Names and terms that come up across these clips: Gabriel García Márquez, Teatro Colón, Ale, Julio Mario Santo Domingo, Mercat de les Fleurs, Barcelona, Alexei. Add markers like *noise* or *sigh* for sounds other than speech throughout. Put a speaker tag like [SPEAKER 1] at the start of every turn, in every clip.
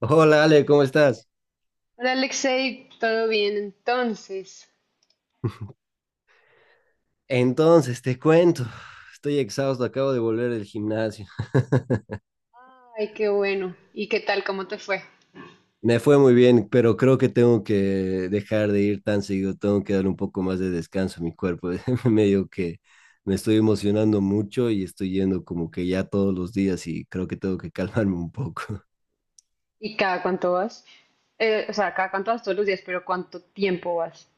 [SPEAKER 1] Hola Ale, ¿cómo estás?
[SPEAKER 2] Hola Alexei, ¿todo bien entonces?
[SPEAKER 1] Entonces, te cuento, estoy exhausto, acabo de volver del gimnasio.
[SPEAKER 2] Ay, qué bueno. ¿Y qué tal? ¿Cómo te fue?
[SPEAKER 1] Me fue muy bien, pero creo que tengo que dejar de ir tan seguido, tengo que dar un poco más de descanso a mi cuerpo. *laughs* Medio que me estoy emocionando mucho y estoy yendo como que ya todos los días y creo que tengo que calmarme un poco.
[SPEAKER 2] ¿Y cada cuánto vas? O sea, cada cuánto vas todos los días, pero ¿cuánto tiempo vas?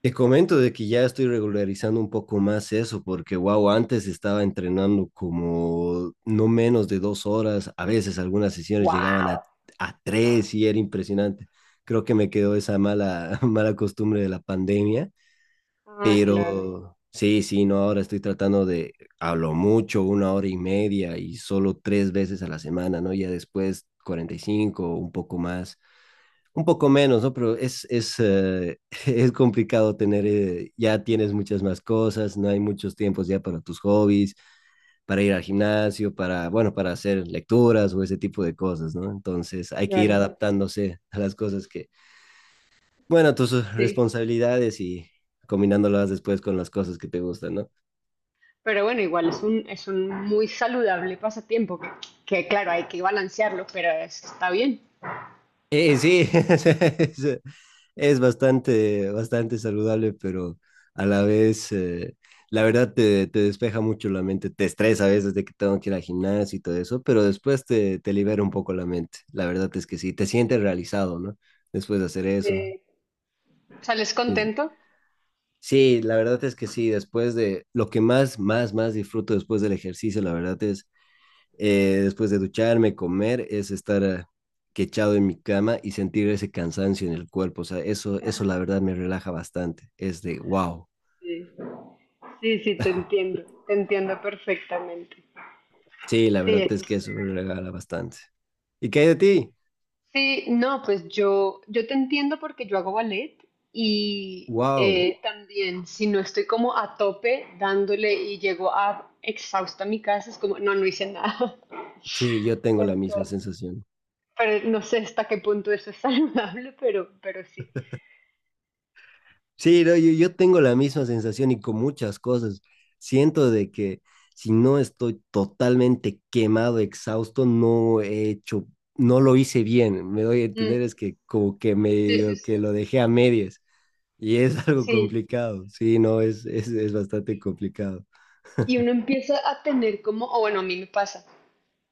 [SPEAKER 1] Te comento de que ya estoy regularizando un poco más eso, porque wow, antes estaba entrenando como no menos de dos horas, a veces algunas sesiones llegaban
[SPEAKER 2] Wow.
[SPEAKER 1] a tres y era impresionante. Creo que me quedó esa mala, *laughs* mala costumbre de la pandemia,
[SPEAKER 2] Ah, claro,
[SPEAKER 1] pero sí, sí, no, ahora estoy tratando de, a lo mucho, una hora y media y solo tres veces a la semana, ¿no? Ya después 45 o un poco más. Un poco menos, ¿no? Pero *laughs* es complicado tener, ya tienes muchas más cosas, no hay muchos tiempos ya para tus hobbies, para ir al gimnasio, para, bueno, para hacer lecturas o ese tipo de cosas, ¿no? Entonces hay que ir
[SPEAKER 2] claro,
[SPEAKER 1] adaptándose a las cosas que, bueno, a tus
[SPEAKER 2] sí.
[SPEAKER 1] responsabilidades y combinándolas después con las cosas que te gustan, ¿no?
[SPEAKER 2] Pero bueno, igual es un muy saludable pasatiempo que, claro, hay que balancearlo, pero está bien.
[SPEAKER 1] Sí, *laughs* es es bastante, bastante saludable, pero a la vez, la verdad te despeja mucho la mente, te estresa a veces de que tengo que ir al gimnasio y todo eso, pero después te libera un poco la mente. La verdad es que sí, te sientes realizado, ¿no? Después de hacer
[SPEAKER 2] Sí.
[SPEAKER 1] eso.
[SPEAKER 2] ¿Sales
[SPEAKER 1] Sí, sí.
[SPEAKER 2] contento?
[SPEAKER 1] Sí, la verdad es que sí, después de lo que más disfruto después del ejercicio, la verdad es después de ducharme, comer, es estar quechado en mi cama y sentir ese cansancio en el cuerpo. O sea, eso la verdad me relaja bastante. Es de wow.
[SPEAKER 2] Sí, sí, sí, te entiendo perfectamente.
[SPEAKER 1] Sí, la
[SPEAKER 2] Sí,
[SPEAKER 1] verdad
[SPEAKER 2] eso
[SPEAKER 1] es que
[SPEAKER 2] es
[SPEAKER 1] eso
[SPEAKER 2] chévere.
[SPEAKER 1] me regala bastante. ¿Y qué hay de ti?
[SPEAKER 2] Sí, no, pues yo te entiendo porque yo hago ballet y
[SPEAKER 1] Wow.
[SPEAKER 2] también si no estoy como a tope dándole y llego a exhausta a mi casa, es como, no, no hice nada.
[SPEAKER 1] Sí, yo
[SPEAKER 2] *laughs*
[SPEAKER 1] tengo la misma
[SPEAKER 2] Entonces,
[SPEAKER 1] sensación.
[SPEAKER 2] pero no sé hasta qué punto eso es *laughs* saludable, pero sí.
[SPEAKER 1] Sí, no, yo tengo la misma sensación y con muchas cosas. Siento de que si no estoy totalmente quemado, exhausto, no he hecho, no lo hice bien. Me doy a entender,
[SPEAKER 2] Mm,
[SPEAKER 1] es que como que
[SPEAKER 2] sí, sí,
[SPEAKER 1] medio
[SPEAKER 2] sí.
[SPEAKER 1] que lo dejé a medias y es *laughs* algo
[SPEAKER 2] Sí.
[SPEAKER 1] complicado. Sí, no, es bastante complicado. *laughs*
[SPEAKER 2] Y uno empieza a tener como, o bueno, a mí me pasa,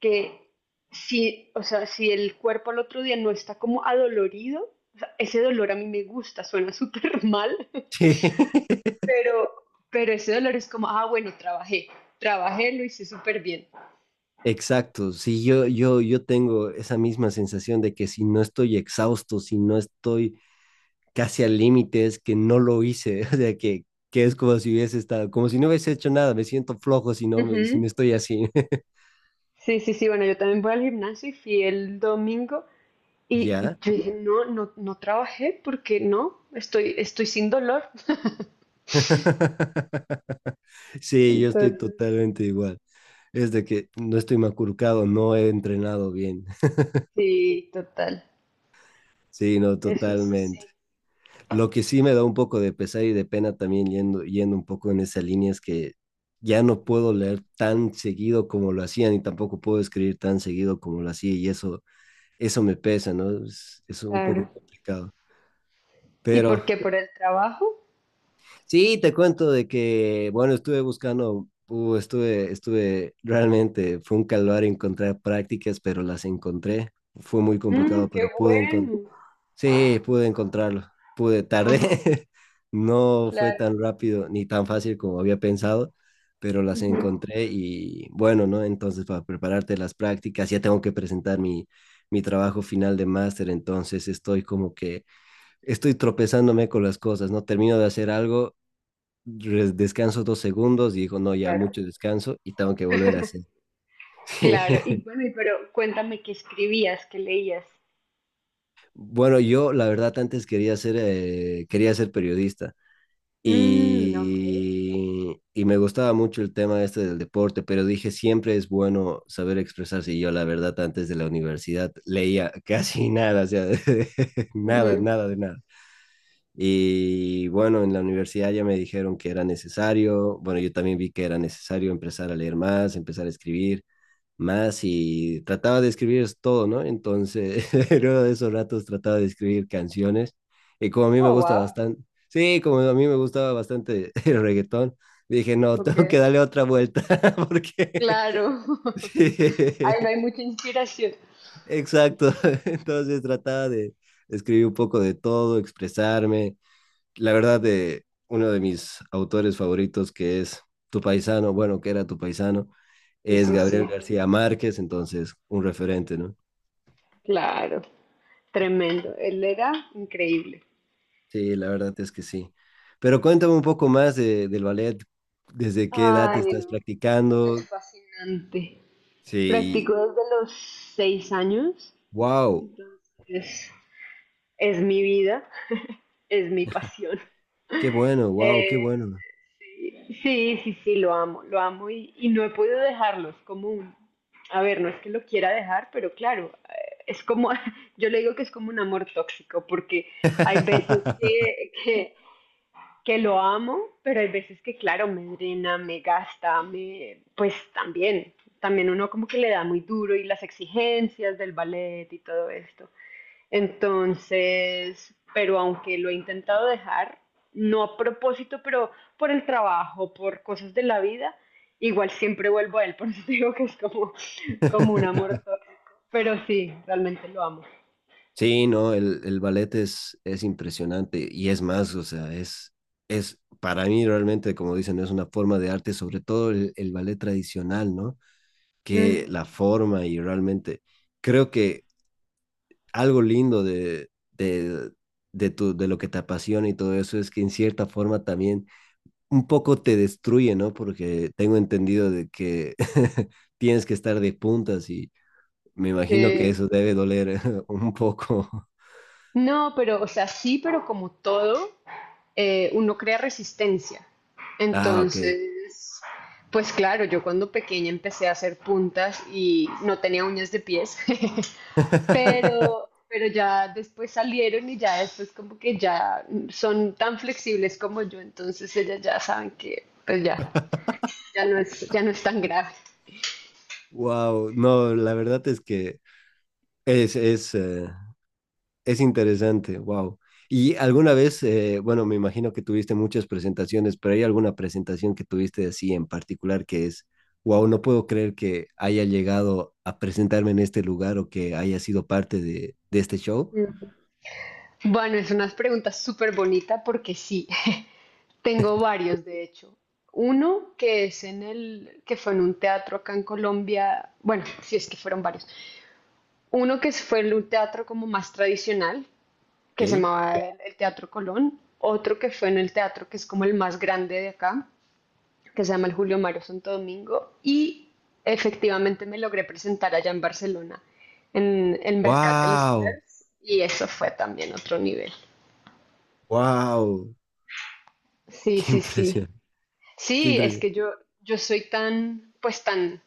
[SPEAKER 2] que si, o sea, si el cuerpo al otro día no está como adolorido, o sea, ese dolor a mí me gusta, suena súper *laughs* mal.
[SPEAKER 1] Sí.
[SPEAKER 2] Pero, pero ese dolor es como, ah, bueno, trabajé, trabajé, lo hice súper bien.
[SPEAKER 1] Exacto, sí, yo tengo esa misma sensación de que si no estoy exhausto, si no estoy casi a límites, que no lo hice, *laughs* o sea, que es como si hubiese estado, como si no hubiese hecho nada, me siento flojo si no, si
[SPEAKER 2] Ujú.
[SPEAKER 1] no estoy así, *laughs*
[SPEAKER 2] Sí, sí, sí, bueno, yo también voy al gimnasio y fui el domingo
[SPEAKER 1] ¿ya?
[SPEAKER 2] y yo dije, no, no, no trabajé porque no, estoy, estoy sin dolor.
[SPEAKER 1] *laughs* Sí, yo estoy
[SPEAKER 2] Entonces,
[SPEAKER 1] totalmente igual, es de que no estoy maculcado, no he entrenado bien, *laughs*
[SPEAKER 2] sí, total,
[SPEAKER 1] sí, no,
[SPEAKER 2] eso es así,
[SPEAKER 1] totalmente. Lo que sí me da un poco de pesar y de pena también yendo, yendo un poco en esa línea es que ya no puedo leer tan seguido como lo hacía, ni tampoco puedo escribir tan seguido como lo hacía, y eso me pesa, ¿no? Es un poco
[SPEAKER 2] claro.
[SPEAKER 1] complicado.
[SPEAKER 2] ¿Y
[SPEAKER 1] Pero
[SPEAKER 2] por qué? ¿Por el trabajo?
[SPEAKER 1] sí, te cuento de que, bueno, estuve buscando, estuve, realmente fue un calvario encontrar prácticas, pero las encontré. Fue muy complicado,
[SPEAKER 2] Mm, qué
[SPEAKER 1] pero pude encontrar.
[SPEAKER 2] bueno.
[SPEAKER 1] Sí, pude encontrarlo. Pude, tardé.
[SPEAKER 2] Ajá,
[SPEAKER 1] *laughs* No fue
[SPEAKER 2] claro.
[SPEAKER 1] tan rápido ni tan fácil como había pensado, pero las
[SPEAKER 2] Ujú,
[SPEAKER 1] encontré y bueno, ¿no? Entonces, para prepararte las prácticas, ya tengo que presentar mi trabajo final de máster, entonces estoy como que estoy tropezándome con las cosas, ¿no? Termino de hacer algo, descanso dos segundos y digo, no, ya
[SPEAKER 2] claro.
[SPEAKER 1] mucho descanso y tengo que volver a hacer.
[SPEAKER 2] Claro, y
[SPEAKER 1] *laughs*
[SPEAKER 2] bueno, y pero cuéntame qué escribías, qué leías.
[SPEAKER 1] Bueno, yo la verdad antes quería ser periodista
[SPEAKER 2] Mm,
[SPEAKER 1] y me gustaba mucho el tema este del deporte, pero dije, siempre es bueno saber expresarse y yo la verdad antes de la universidad leía *laughs* casi nada, o sea, *laughs* nada,
[SPEAKER 2] ok.
[SPEAKER 1] nada de nada. Y bueno, en la universidad ya me dijeron que era necesario, bueno, yo también vi que era necesario empezar a leer más, empezar a escribir más y trataba de escribir es todo, ¿no? Entonces, *laughs* luego de esos ratos trataba de escribir canciones y como a mí me
[SPEAKER 2] Oh,
[SPEAKER 1] gusta
[SPEAKER 2] wow.
[SPEAKER 1] bastante, sí, como a mí me gustaba bastante *laughs* el reggaetón, dije, no, *laughs*
[SPEAKER 2] Ok.
[SPEAKER 1] tengo que darle otra vuelta *laughs* porque,
[SPEAKER 2] Claro.
[SPEAKER 1] *laughs*
[SPEAKER 2] *laughs*
[SPEAKER 1] sí,
[SPEAKER 2] Ay, no hay mucha inspiración.
[SPEAKER 1] exacto, *laughs* entonces trataba de escribir un poco de todo, expresarme la verdad, de uno de mis autores favoritos, que es tu paisano, bueno, que era tu paisano,
[SPEAKER 2] Sí,
[SPEAKER 1] es
[SPEAKER 2] sí,
[SPEAKER 1] Gabriel
[SPEAKER 2] sí.
[SPEAKER 1] García Márquez, entonces un referente, ¿no?
[SPEAKER 2] Claro. Tremendo. Él era increíble.
[SPEAKER 1] Sí, la verdad es que sí. Pero cuéntame un poco más del ballet, desde qué edad te
[SPEAKER 2] Ay,
[SPEAKER 1] estás
[SPEAKER 2] no. Es
[SPEAKER 1] practicando.
[SPEAKER 2] fascinante.
[SPEAKER 1] Sí,
[SPEAKER 2] Practico desde los 6 años.
[SPEAKER 1] wow,
[SPEAKER 2] Es, es mi vida, es mi pasión.
[SPEAKER 1] qué bueno, wow, qué
[SPEAKER 2] Eh,
[SPEAKER 1] bueno.
[SPEAKER 2] Sí, sí, sí, lo amo y no he podido dejarlo, es como un, a ver, no es que lo quiera dejar, pero claro, es como, *laughs* yo le digo que es como un amor tóxico, porque hay veces
[SPEAKER 1] *laughs*
[SPEAKER 2] que lo amo, pero hay veces que, claro, me drena, me gasta, me, pues también, también uno como que le da muy duro y las exigencias del ballet y todo esto. Entonces, pero aunque lo he intentado dejar, no a propósito, pero por el trabajo, por cosas de la vida, igual siempre vuelvo a él, *laughs* por eso te digo que es como, como un amor tóxico. Pero sí, realmente lo amo.
[SPEAKER 1] Sí, no, el ballet es impresionante y es más, o sea, es para mí realmente, como dicen, es una forma de arte, sobre todo el ballet tradicional, ¿no?
[SPEAKER 2] Mm,
[SPEAKER 1] Que la forma y realmente creo que algo lindo de lo que te apasiona y todo eso es que en cierta forma también un poco te destruye, ¿no? Porque tengo entendido de que *laughs* tienes que estar de puntas y me imagino que
[SPEAKER 2] eh,
[SPEAKER 1] eso debe doler *laughs* un poco.
[SPEAKER 2] no, pero, o sea, sí, pero como todo, uno crea resistencia.
[SPEAKER 1] Ah, ok.
[SPEAKER 2] Entonces, pues claro, yo cuando pequeña empecé a hacer puntas y no tenía uñas de pies. *laughs*
[SPEAKER 1] *laughs*
[SPEAKER 2] Pero ya después salieron y ya después como que ya son tan flexibles como yo, entonces ellas ya saben que pues ya, ya no es tan grave.
[SPEAKER 1] Wow, no, la verdad es que es, es, eh, es interesante, wow. ¿Y alguna vez, bueno, me imagino que tuviste muchas presentaciones, pero hay alguna presentación que tuviste así en particular que es, wow, no puedo creer que haya llegado a presentarme en este lugar o que haya sido parte de este show?
[SPEAKER 2] Mm. Bueno, es una pregunta súper bonita porque sí, *laughs* tengo varios de hecho. Uno que es en el, que fue en un teatro acá en Colombia, bueno, si es que fueron varios. Uno que fue en un teatro como más tradicional,
[SPEAKER 1] ¿Ok?
[SPEAKER 2] que se llamaba el Teatro Colón. Otro que fue en el teatro que es como el más grande de acá, que se llama el Julio Mario Santo Domingo, y efectivamente me logré presentar allá en Barcelona, en el Mercat de les
[SPEAKER 1] Wow,
[SPEAKER 2] Fleurs, y eso fue también otro nivel.
[SPEAKER 1] wow, *laughs*
[SPEAKER 2] Sí,
[SPEAKER 1] qué
[SPEAKER 2] sí,
[SPEAKER 1] impresión,
[SPEAKER 2] sí.
[SPEAKER 1] qué
[SPEAKER 2] Sí, es
[SPEAKER 1] impresión.
[SPEAKER 2] que yo soy tan, pues tan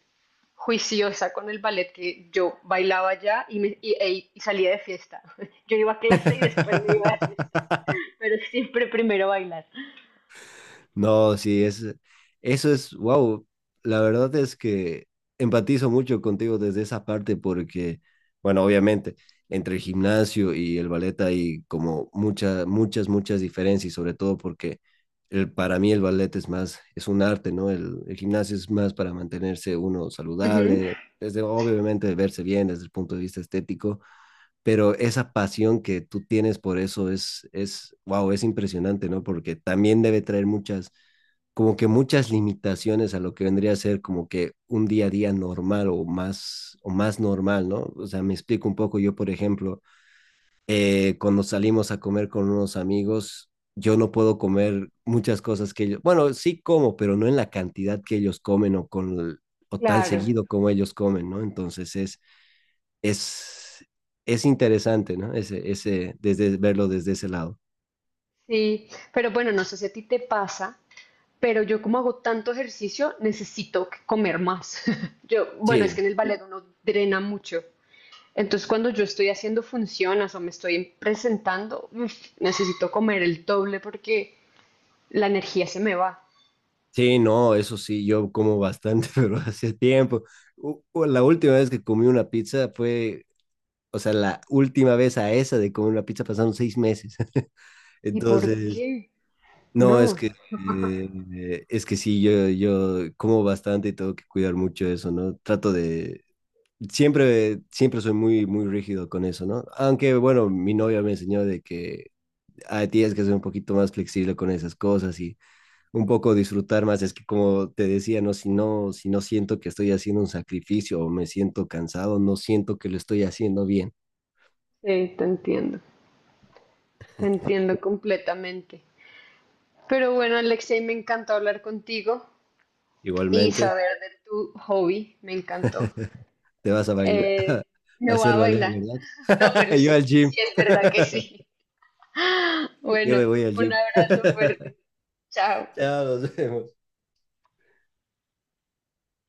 [SPEAKER 2] juiciosa con el ballet que yo bailaba allá y, y salía de fiesta. *laughs* Yo iba a clase y después me iba de fiesta,
[SPEAKER 1] *laughs*
[SPEAKER 2] pero siempre primero bailar.
[SPEAKER 1] No, sí, es, eso es, wow, la verdad es que empatizo mucho contigo desde esa parte porque, bueno, obviamente, entre el gimnasio y el ballet hay como muchas, muchas, muchas diferencias, y sobre todo porque el, para mí el ballet es más, es un arte, ¿no? El gimnasio es más para mantenerse uno
[SPEAKER 2] Ujú,
[SPEAKER 1] saludable, desde, obviamente, verse bien desde el punto de vista estético pero esa pasión que tú tienes por eso es, wow, es impresionante, ¿no? Porque también debe traer muchas, como que muchas limitaciones a lo que vendría a ser como que un día a día normal o más normal, ¿no? O sea, me explico un poco, yo por ejemplo, cuando salimos a comer con unos amigos, yo no puedo comer muchas cosas que ellos, bueno, sí como, pero no en la cantidad que ellos comen o con o tan
[SPEAKER 2] claro,
[SPEAKER 1] seguido como ellos comen, ¿no? Entonces es, es interesante, ¿no? Ese, desde, verlo desde ese lado.
[SPEAKER 2] sí. Pero bueno, no sé si a ti te pasa pero yo como hago tanto ejercicio, necesito comer más. *laughs* Yo, bueno, es que
[SPEAKER 1] Sí,
[SPEAKER 2] en el ballet uno drena mucho. Entonces cuando yo estoy haciendo funciones o me estoy presentando, uf, necesito comer el doble porque la energía se me va.
[SPEAKER 1] sí, no, eso sí, yo como bastante, *laughs* pero hace tiempo. La última vez que comí una pizza fue, o sea, la última vez a esa de comer una pizza pasaron seis meses. *laughs*
[SPEAKER 2] ¿Y por
[SPEAKER 1] Entonces,
[SPEAKER 2] qué?
[SPEAKER 1] no,
[SPEAKER 2] No,
[SPEAKER 1] es que sí, yo como bastante y tengo que cuidar mucho eso, ¿no? Trato de, siempre soy muy rígido con eso, ¿no? Aunque, bueno, mi novia me enseñó de que ah, tienes que ser un poquito más flexible con esas cosas y un poco disfrutar más. Es que como te decía, no, si no siento que estoy haciendo un sacrificio o me siento cansado, no siento que lo estoy haciendo bien.
[SPEAKER 2] sí, te entiendo completamente. Pero bueno, Alexei, me encantó hablar contigo y
[SPEAKER 1] Igualmente,
[SPEAKER 2] saber de tu hobby, me encantó.
[SPEAKER 1] te vas a bailar, *laughs*
[SPEAKER 2] Eh,
[SPEAKER 1] a
[SPEAKER 2] me voy a
[SPEAKER 1] hacer ballet,
[SPEAKER 2] bailar. *laughs* No,
[SPEAKER 1] ¿verdad?
[SPEAKER 2] pero
[SPEAKER 1] *laughs* Yo al
[SPEAKER 2] sí, sí,
[SPEAKER 1] gym.
[SPEAKER 2] es verdad que sí.
[SPEAKER 1] *laughs*
[SPEAKER 2] *laughs*
[SPEAKER 1] Yo
[SPEAKER 2] Bueno,
[SPEAKER 1] me voy al
[SPEAKER 2] un
[SPEAKER 1] gym.
[SPEAKER 2] abrazo
[SPEAKER 1] *laughs*
[SPEAKER 2] fuerte. Chao.
[SPEAKER 1] Chao, nos vemos.